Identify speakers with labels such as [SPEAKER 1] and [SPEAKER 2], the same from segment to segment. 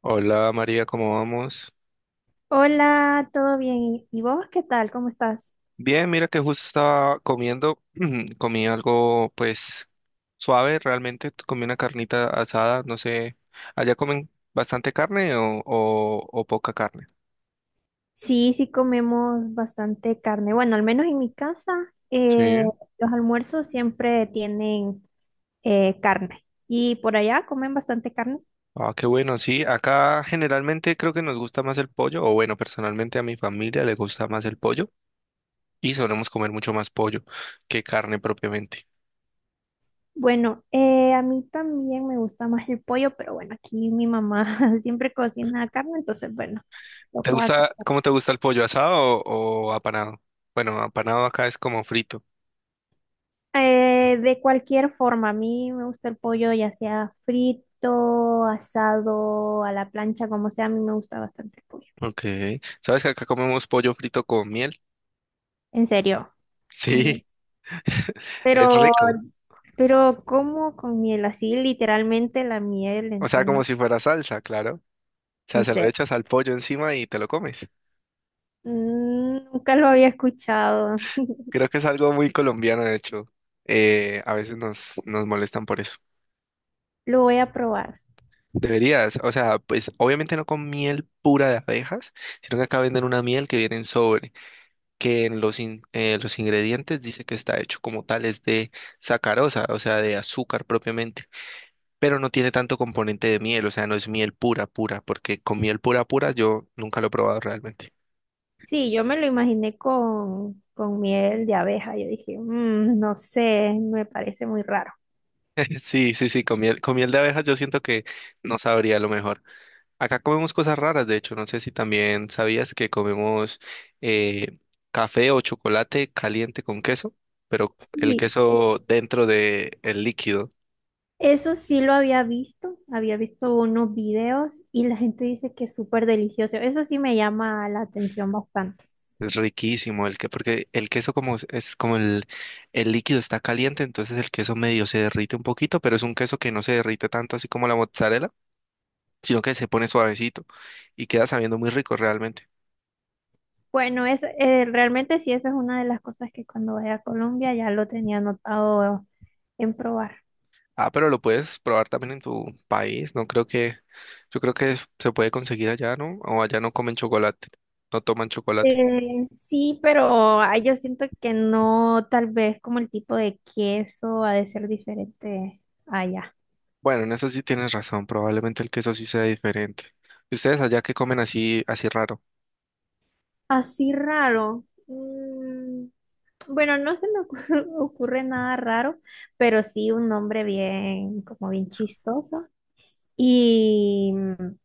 [SPEAKER 1] Hola María, ¿cómo vamos?
[SPEAKER 2] Hola, ¿todo bien? ¿Y vos qué tal? ¿Cómo estás?
[SPEAKER 1] Bien, mira que justo estaba comiendo, comí algo pues suave realmente, comí una carnita asada, no sé, ¿allá comen bastante carne o poca carne?
[SPEAKER 2] Sí, sí comemos bastante carne. Bueno, al menos en mi casa,
[SPEAKER 1] Sí.
[SPEAKER 2] eh, los almuerzos siempre tienen carne. ¿Y por allá comen bastante carne?
[SPEAKER 1] Ah, qué bueno, sí, acá generalmente creo que nos gusta más el pollo, o bueno, personalmente a mi familia le gusta más el pollo y solemos comer mucho más pollo que carne propiamente.
[SPEAKER 2] Bueno, a mí también me gusta más el pollo, pero bueno, aquí mi mamá siempre cocina carne, entonces bueno,
[SPEAKER 1] ¿Te
[SPEAKER 2] toca
[SPEAKER 1] gusta,
[SPEAKER 2] comer.
[SPEAKER 1] cómo te gusta el pollo, asado o apanado? Bueno, apanado acá es como frito.
[SPEAKER 2] De cualquier forma, a mí me gusta el pollo, ya sea frito, asado, a la plancha, como sea, a mí me gusta bastante el pollo.
[SPEAKER 1] Ok. ¿Sabes que acá comemos pollo frito con miel?
[SPEAKER 2] En serio.
[SPEAKER 1] Sí,
[SPEAKER 2] Con-
[SPEAKER 1] es
[SPEAKER 2] Pero,
[SPEAKER 1] rico.
[SPEAKER 2] pero ¿cómo con miel? Así literalmente la miel
[SPEAKER 1] O sea, como
[SPEAKER 2] encima.
[SPEAKER 1] si fuera salsa, claro. O sea,
[SPEAKER 2] En
[SPEAKER 1] se lo
[SPEAKER 2] serio.
[SPEAKER 1] echas al pollo encima y te lo comes.
[SPEAKER 2] Mm, nunca lo había escuchado.
[SPEAKER 1] Creo que es algo muy colombiano, de hecho. A veces nos molestan por eso.
[SPEAKER 2] Lo voy a probar.
[SPEAKER 1] Deberías, o sea, pues obviamente no con miel pura de abejas, sino que acá venden una miel que viene en sobre, que en los, los ingredientes dice que está hecho como tales de sacarosa, o sea, de azúcar propiamente. Pero no tiene tanto componente de miel, o sea, no es miel pura, pura, porque con miel pura, pura yo nunca lo he probado realmente.
[SPEAKER 2] Sí, yo me lo imaginé con miel de abeja. Yo dije: "Mm, no sé, me parece muy raro".
[SPEAKER 1] Sí, sí, sí, con miel de abejas yo siento que no sabría lo mejor. Acá comemos cosas raras, de hecho, no sé si también sabías que comemos eh, café o chocolate caliente con queso, pero el
[SPEAKER 2] Sí,
[SPEAKER 1] queso dentro del líquido.
[SPEAKER 2] eso sí lo había visto. Había visto unos videos y la gente dice que es súper delicioso. Eso sí me llama la atención bastante.
[SPEAKER 1] Es riquísimo el que, porque el queso como es como el líquido está caliente, entonces el queso medio se derrite un poquito, pero es un queso que no se derrite tanto así como la mozzarella, sino que se pone suavecito y queda sabiendo muy rico realmente.
[SPEAKER 2] Bueno, es, realmente sí, esa es una de las cosas que cuando vaya a Colombia ya lo tenía anotado en probar.
[SPEAKER 1] Ah, pero lo puedes probar también en tu país, no creo que, yo creo que es- se puede conseguir allá, ¿no? O allá no comen chocolate, no toman chocolate.
[SPEAKER 2] Sí, pero ah, yo siento que no, tal vez como el tipo de queso ha de ser diferente allá.
[SPEAKER 1] Bueno, en eso sí tienes razón, probablemente el queso sí sea diferente. ¿Y ustedes allá qué comen así, así raro?
[SPEAKER 2] Así raro. Mm, bueno, no se me ocurre, ocurre nada raro, pero sí un nombre bien, como bien chistoso. Y mm,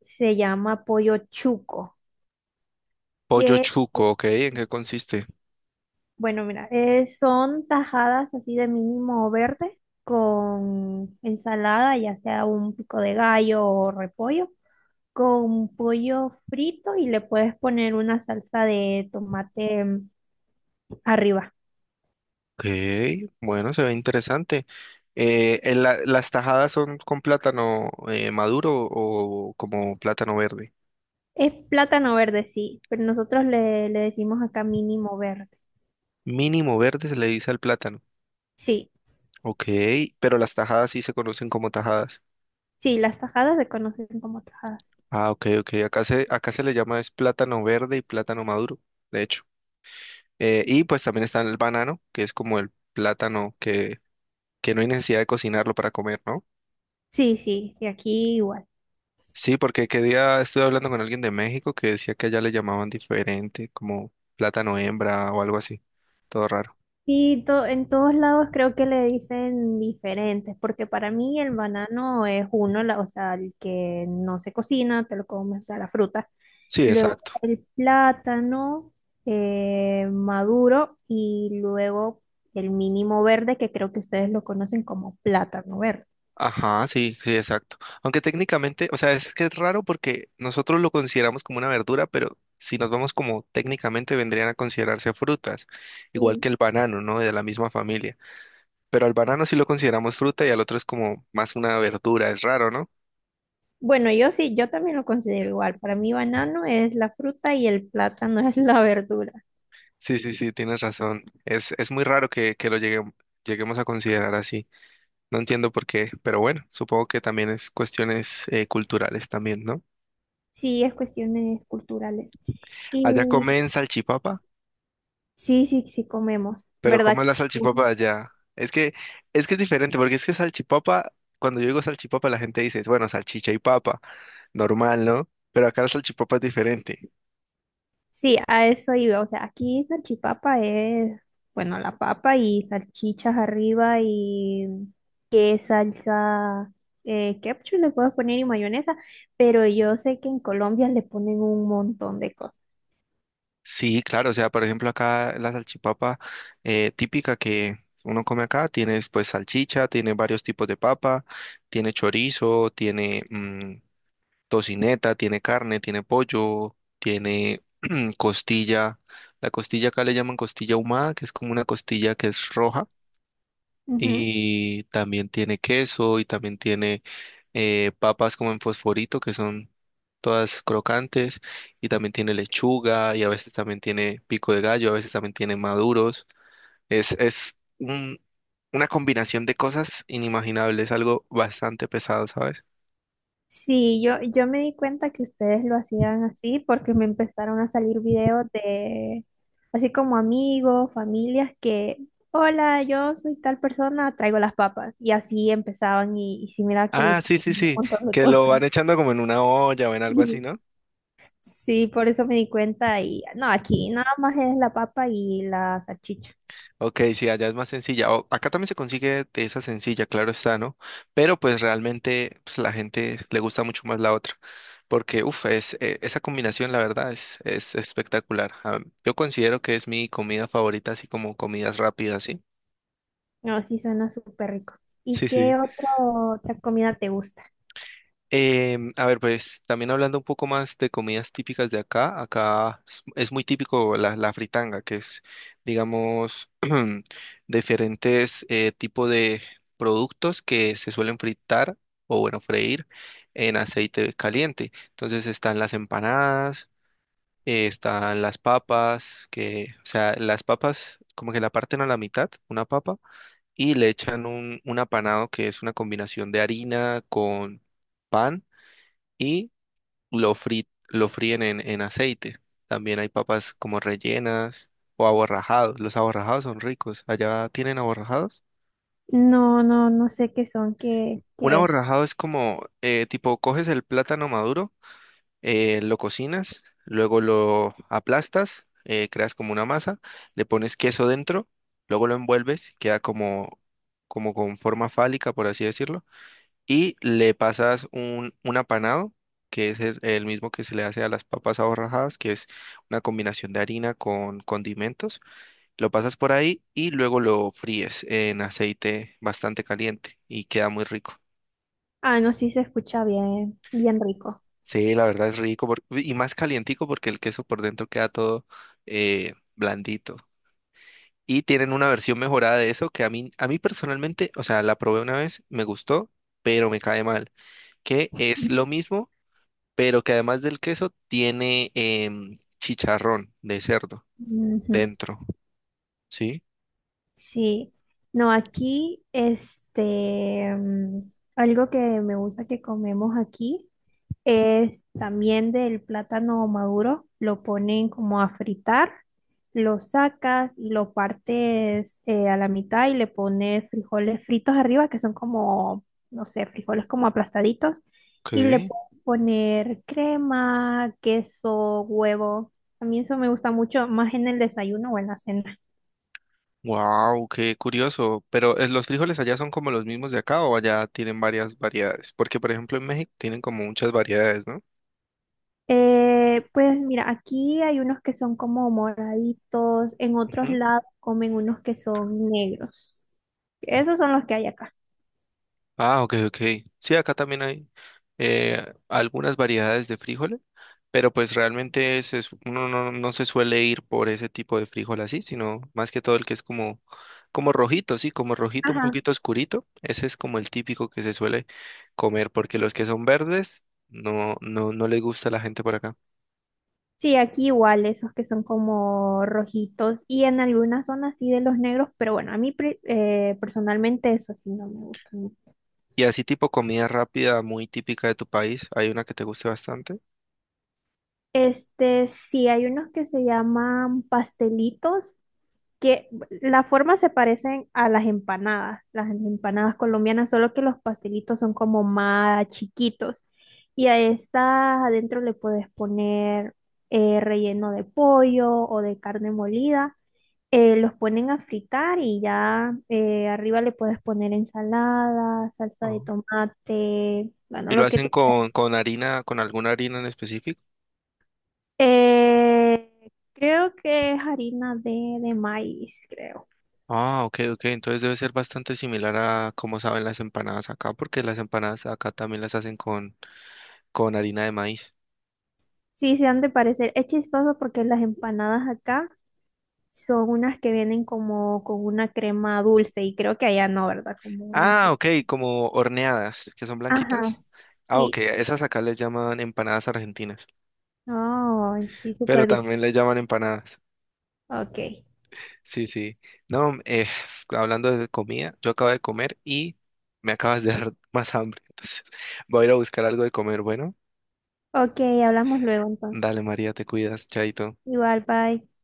[SPEAKER 2] se llama pollo chuco,
[SPEAKER 1] Pollo
[SPEAKER 2] que
[SPEAKER 1] chuco, ¿ok? ¿En qué consiste?
[SPEAKER 2] bueno, mira, son tajadas así de mínimo verde con ensalada, ya sea un pico de gallo o repollo, con pollo frito y le puedes poner una salsa de tomate mm, arriba.
[SPEAKER 1] Ok, bueno, se ve interesante. En la- ¿las tajadas son con plátano maduro o como plátano verde?
[SPEAKER 2] Es plátano verde, sí, pero nosotros le, le decimos acá mínimo verde.
[SPEAKER 1] Mínimo verde se le dice al plátano.
[SPEAKER 2] Sí,
[SPEAKER 1] Ok, pero las tajadas sí se conocen como tajadas.
[SPEAKER 2] sí, las tajadas se conocen como tajadas.
[SPEAKER 1] Ah, ok, ok. Acá se le llama es plátano verde y plátano maduro, de hecho. Y pues también está el banano, que es como el plátano que no hay necesidad de cocinarlo para comer, ¿no?
[SPEAKER 2] Sí, sí, sí, aquí igual.
[SPEAKER 1] Sí, porque qué día estuve hablando con alguien de México que decía que allá le llamaban diferente, como plátano hembra o algo así. Todo raro.
[SPEAKER 2] En todos lados creo que le dicen diferentes, porque para mí el banano es uno, la, o sea, el que no se cocina, te lo comes, o sea, la fruta.
[SPEAKER 1] Sí,
[SPEAKER 2] Luego
[SPEAKER 1] exacto.
[SPEAKER 2] el plátano maduro, y luego el mínimo verde, que creo que ustedes lo conocen como plátano verde.
[SPEAKER 1] Ajá, sí, sí, exacto. Aunque técnicamente, o sea, es que es raro porque nosotros lo consideramos como una verdura, pero si nos vamos como técnicamente vendrían a considerarse frutas, igual que
[SPEAKER 2] Mm.
[SPEAKER 1] el banano, ¿no? De la misma familia. Pero al banano sí lo consideramos fruta y al otro es como más una verdura, es raro, ¿no?
[SPEAKER 2] Bueno, yo sí, yo también lo considero igual. Para mí banano es la fruta y el plátano es la verdura.
[SPEAKER 1] Sí, sí, sí, tienes razón. Es muy raro que lo lleguem- lleguemos a considerar así. No entiendo por qué, pero bueno, supongo que también es cuestiones culturales también, ¿no?
[SPEAKER 2] Sí, es cuestiones culturales.
[SPEAKER 1] Allá
[SPEAKER 2] Y
[SPEAKER 1] comen salchipapa,
[SPEAKER 2] sí, sí, sí comemos,
[SPEAKER 1] pero
[SPEAKER 2] ¿verdad?
[SPEAKER 1] ¿cómo
[SPEAKER 2] Que
[SPEAKER 1] es la salchipapa allá? Es que, es que es diferente, porque es que salchipapa, cuando yo digo salchipapa, la gente dice, bueno, salchicha y papa, normal, ¿no? Pero acá la salchipapa es diferente.
[SPEAKER 2] sí, a eso iba. O sea, aquí salchipapa es, bueno, la papa y salchichas arriba y qué salsa, ketchup le puedes poner y mayonesa, pero yo sé que en Colombia le ponen un montón de cosas.
[SPEAKER 1] Sí, claro, o sea, por ejemplo, acá la salchipapa típica que uno come acá, tiene pues salchicha, tiene varios tipos de papa, tiene chorizo, tiene tocineta, tiene carne, tiene pollo, tiene costilla. La costilla acá le llaman costilla ahumada, que es como una costilla que es roja. Y también tiene queso y también tiene papas como en fosforito, que son todas crocantes. Y también tiene lechuga y a veces también tiene pico de gallo, a veces también tiene maduros. Es, una combinación de cosas inimaginables, algo bastante pesado, ¿sabes?
[SPEAKER 2] Sí, yo me di cuenta que ustedes lo hacían así porque me empezaron a salir videos de, así como amigos, familias que, hola, yo soy tal persona, traigo las papas. Y así empezaban y sí, mira que le
[SPEAKER 1] Ah,
[SPEAKER 2] echaban
[SPEAKER 1] sí, sí,
[SPEAKER 2] un
[SPEAKER 1] sí,
[SPEAKER 2] montón de
[SPEAKER 1] que lo
[SPEAKER 2] cosas.
[SPEAKER 1] van echando como en una olla o en algo así,
[SPEAKER 2] Y
[SPEAKER 1] ¿no?
[SPEAKER 2] sí, por eso me di cuenta y, no, aquí nada más es la papa y la salchicha.
[SPEAKER 1] Ok, sí, allá es más sencilla. O- acá también se consigue de esa sencilla, claro está, ¿no? Pero pues realmente pues, la gente le gusta mucho más la otra, porque, uff, es, esa combinación, la verdad, es espectacular. Ah, yo considero que es mi comida favorita, así como comidas rápidas, ¿sí?
[SPEAKER 2] No, sí, suena súper rico. ¿Y
[SPEAKER 1] Sí, sí.
[SPEAKER 2] qué otro, otra comida te gusta?
[SPEAKER 1] A ver, pues también hablando un poco más de comidas típicas de acá, acá es muy típico la, la fritanga, que es, digamos, diferentes tipos de productos que se suelen fritar o, bueno, freír en aceite caliente. Entonces están las empanadas, están las papas, que, o sea, las papas como que la parten a la mitad, una papa, y le echan un apanado que es una combinación de harina con pan y lo, lo fríen en aceite. También hay papas como rellenas o aborrajados. Los aborrajados son ricos. ¿Allá tienen aborrajados?
[SPEAKER 2] No, no, no sé qué son, qué,
[SPEAKER 1] Un
[SPEAKER 2] qué es.
[SPEAKER 1] aborrajado es como, tipo, coges el plátano maduro, lo cocinas, luego lo aplastas, creas como una masa, le pones queso dentro, luego lo envuelves, queda como, como con forma fálica, por así decirlo y le pasas un apanado, que es el mismo que se le hace a las papas aborrajadas, que es una combinación de harina con condimentos. Lo pasas por ahí y luego lo fríes en aceite bastante caliente y queda muy rico.
[SPEAKER 2] Ah, no, sí se escucha bien, bien rico.
[SPEAKER 1] Sí, la verdad es rico por- y más calientico porque el queso por dentro queda todo blandito. Y tienen una versión mejorada de eso que a mí personalmente, o sea, la probé una vez, me gustó, pero me cae mal, que es lo mismo pero que además del queso tiene chicharrón de cerdo
[SPEAKER 2] Ujú.
[SPEAKER 1] dentro, ¿sí?
[SPEAKER 2] Sí, no, aquí, este, mm, algo que me gusta que comemos aquí es también del plátano maduro, lo ponen como a fritar, lo sacas y lo partes a la mitad y le pones frijoles fritos arriba, que son como, no sé, frijoles como aplastaditos, y le
[SPEAKER 1] Ok.
[SPEAKER 2] puedes poner crema, queso, huevo. A mí eso me gusta mucho, más en el desayuno o en la cena.
[SPEAKER 1] Wow, qué curioso. Pero los frijoles allá son como los mismos de acá o allá tienen varias variedades, porque por ejemplo en México tienen como muchas variedades, ¿no?
[SPEAKER 2] Pues mira, aquí hay unos que son como moraditos, en otros lados comen unos que son negros. Esos son los que hay acá.
[SPEAKER 1] Ah, ok, ok. Sí, acá también hay algunas variedades de frijoles, pero pues realmente se su- uno no, no se suele ir por ese tipo de frijol así, sino más que todo el que es como, como rojito, sí, como rojito, un
[SPEAKER 2] Ajá.
[SPEAKER 1] poquito oscurito. Ese es como el típico que se suele comer, porque los que son verdes no, no, no les gusta a la gente por acá.
[SPEAKER 2] Sí, aquí igual, esos que son como rojitos y en algunas zonas sí de los negros, pero bueno, a mí personalmente eso sí no me gusta.
[SPEAKER 1] Y así tipo comida rápida, muy típica de tu país, hay una que te guste bastante.
[SPEAKER 2] Este, sí, hay unos que se llaman pastelitos que las formas se parecen a las empanadas colombianas, solo que los pastelitos son como más chiquitos. Y a estas adentro le puedes poner relleno de pollo o de carne molida. Los ponen a fritar y ya arriba le puedes poner ensalada, salsa de
[SPEAKER 1] Oh.
[SPEAKER 2] tomate, bueno,
[SPEAKER 1] ¿Y lo
[SPEAKER 2] lo que
[SPEAKER 1] hacen
[SPEAKER 2] tú...
[SPEAKER 1] con harina, con alguna harina en específico?
[SPEAKER 2] Eh, Creo que es harina de maíz, creo.
[SPEAKER 1] Ah, ok, ok. Entonces debe ser bastante similar a cómo saben las empanadas acá, porque las empanadas acá también las hacen con harina de maíz.
[SPEAKER 2] Sí, se han de parecer. Es chistoso porque las empanadas acá son unas que vienen como con una crema dulce y creo que allá no, ¿verdad? Como un...
[SPEAKER 1] Ah, ok, como horneadas, que son blanquitas.
[SPEAKER 2] Ajá,
[SPEAKER 1] Ah, ok,
[SPEAKER 2] sí.
[SPEAKER 1] esas acá les llaman empanadas argentinas,
[SPEAKER 2] Ay, sí,
[SPEAKER 1] pero
[SPEAKER 2] súper difícil.
[SPEAKER 1] también les llaman empanadas.
[SPEAKER 2] Ok.
[SPEAKER 1] Sí, sí. No, hablando de comida, yo acabo de comer y me acabas de dar más hambre. Entonces voy a ir a buscar algo de comer. Bueno,
[SPEAKER 2] Ok, hablamos luego entonces.
[SPEAKER 1] dale María, te cuidas, chaito.
[SPEAKER 2] Igual, bye.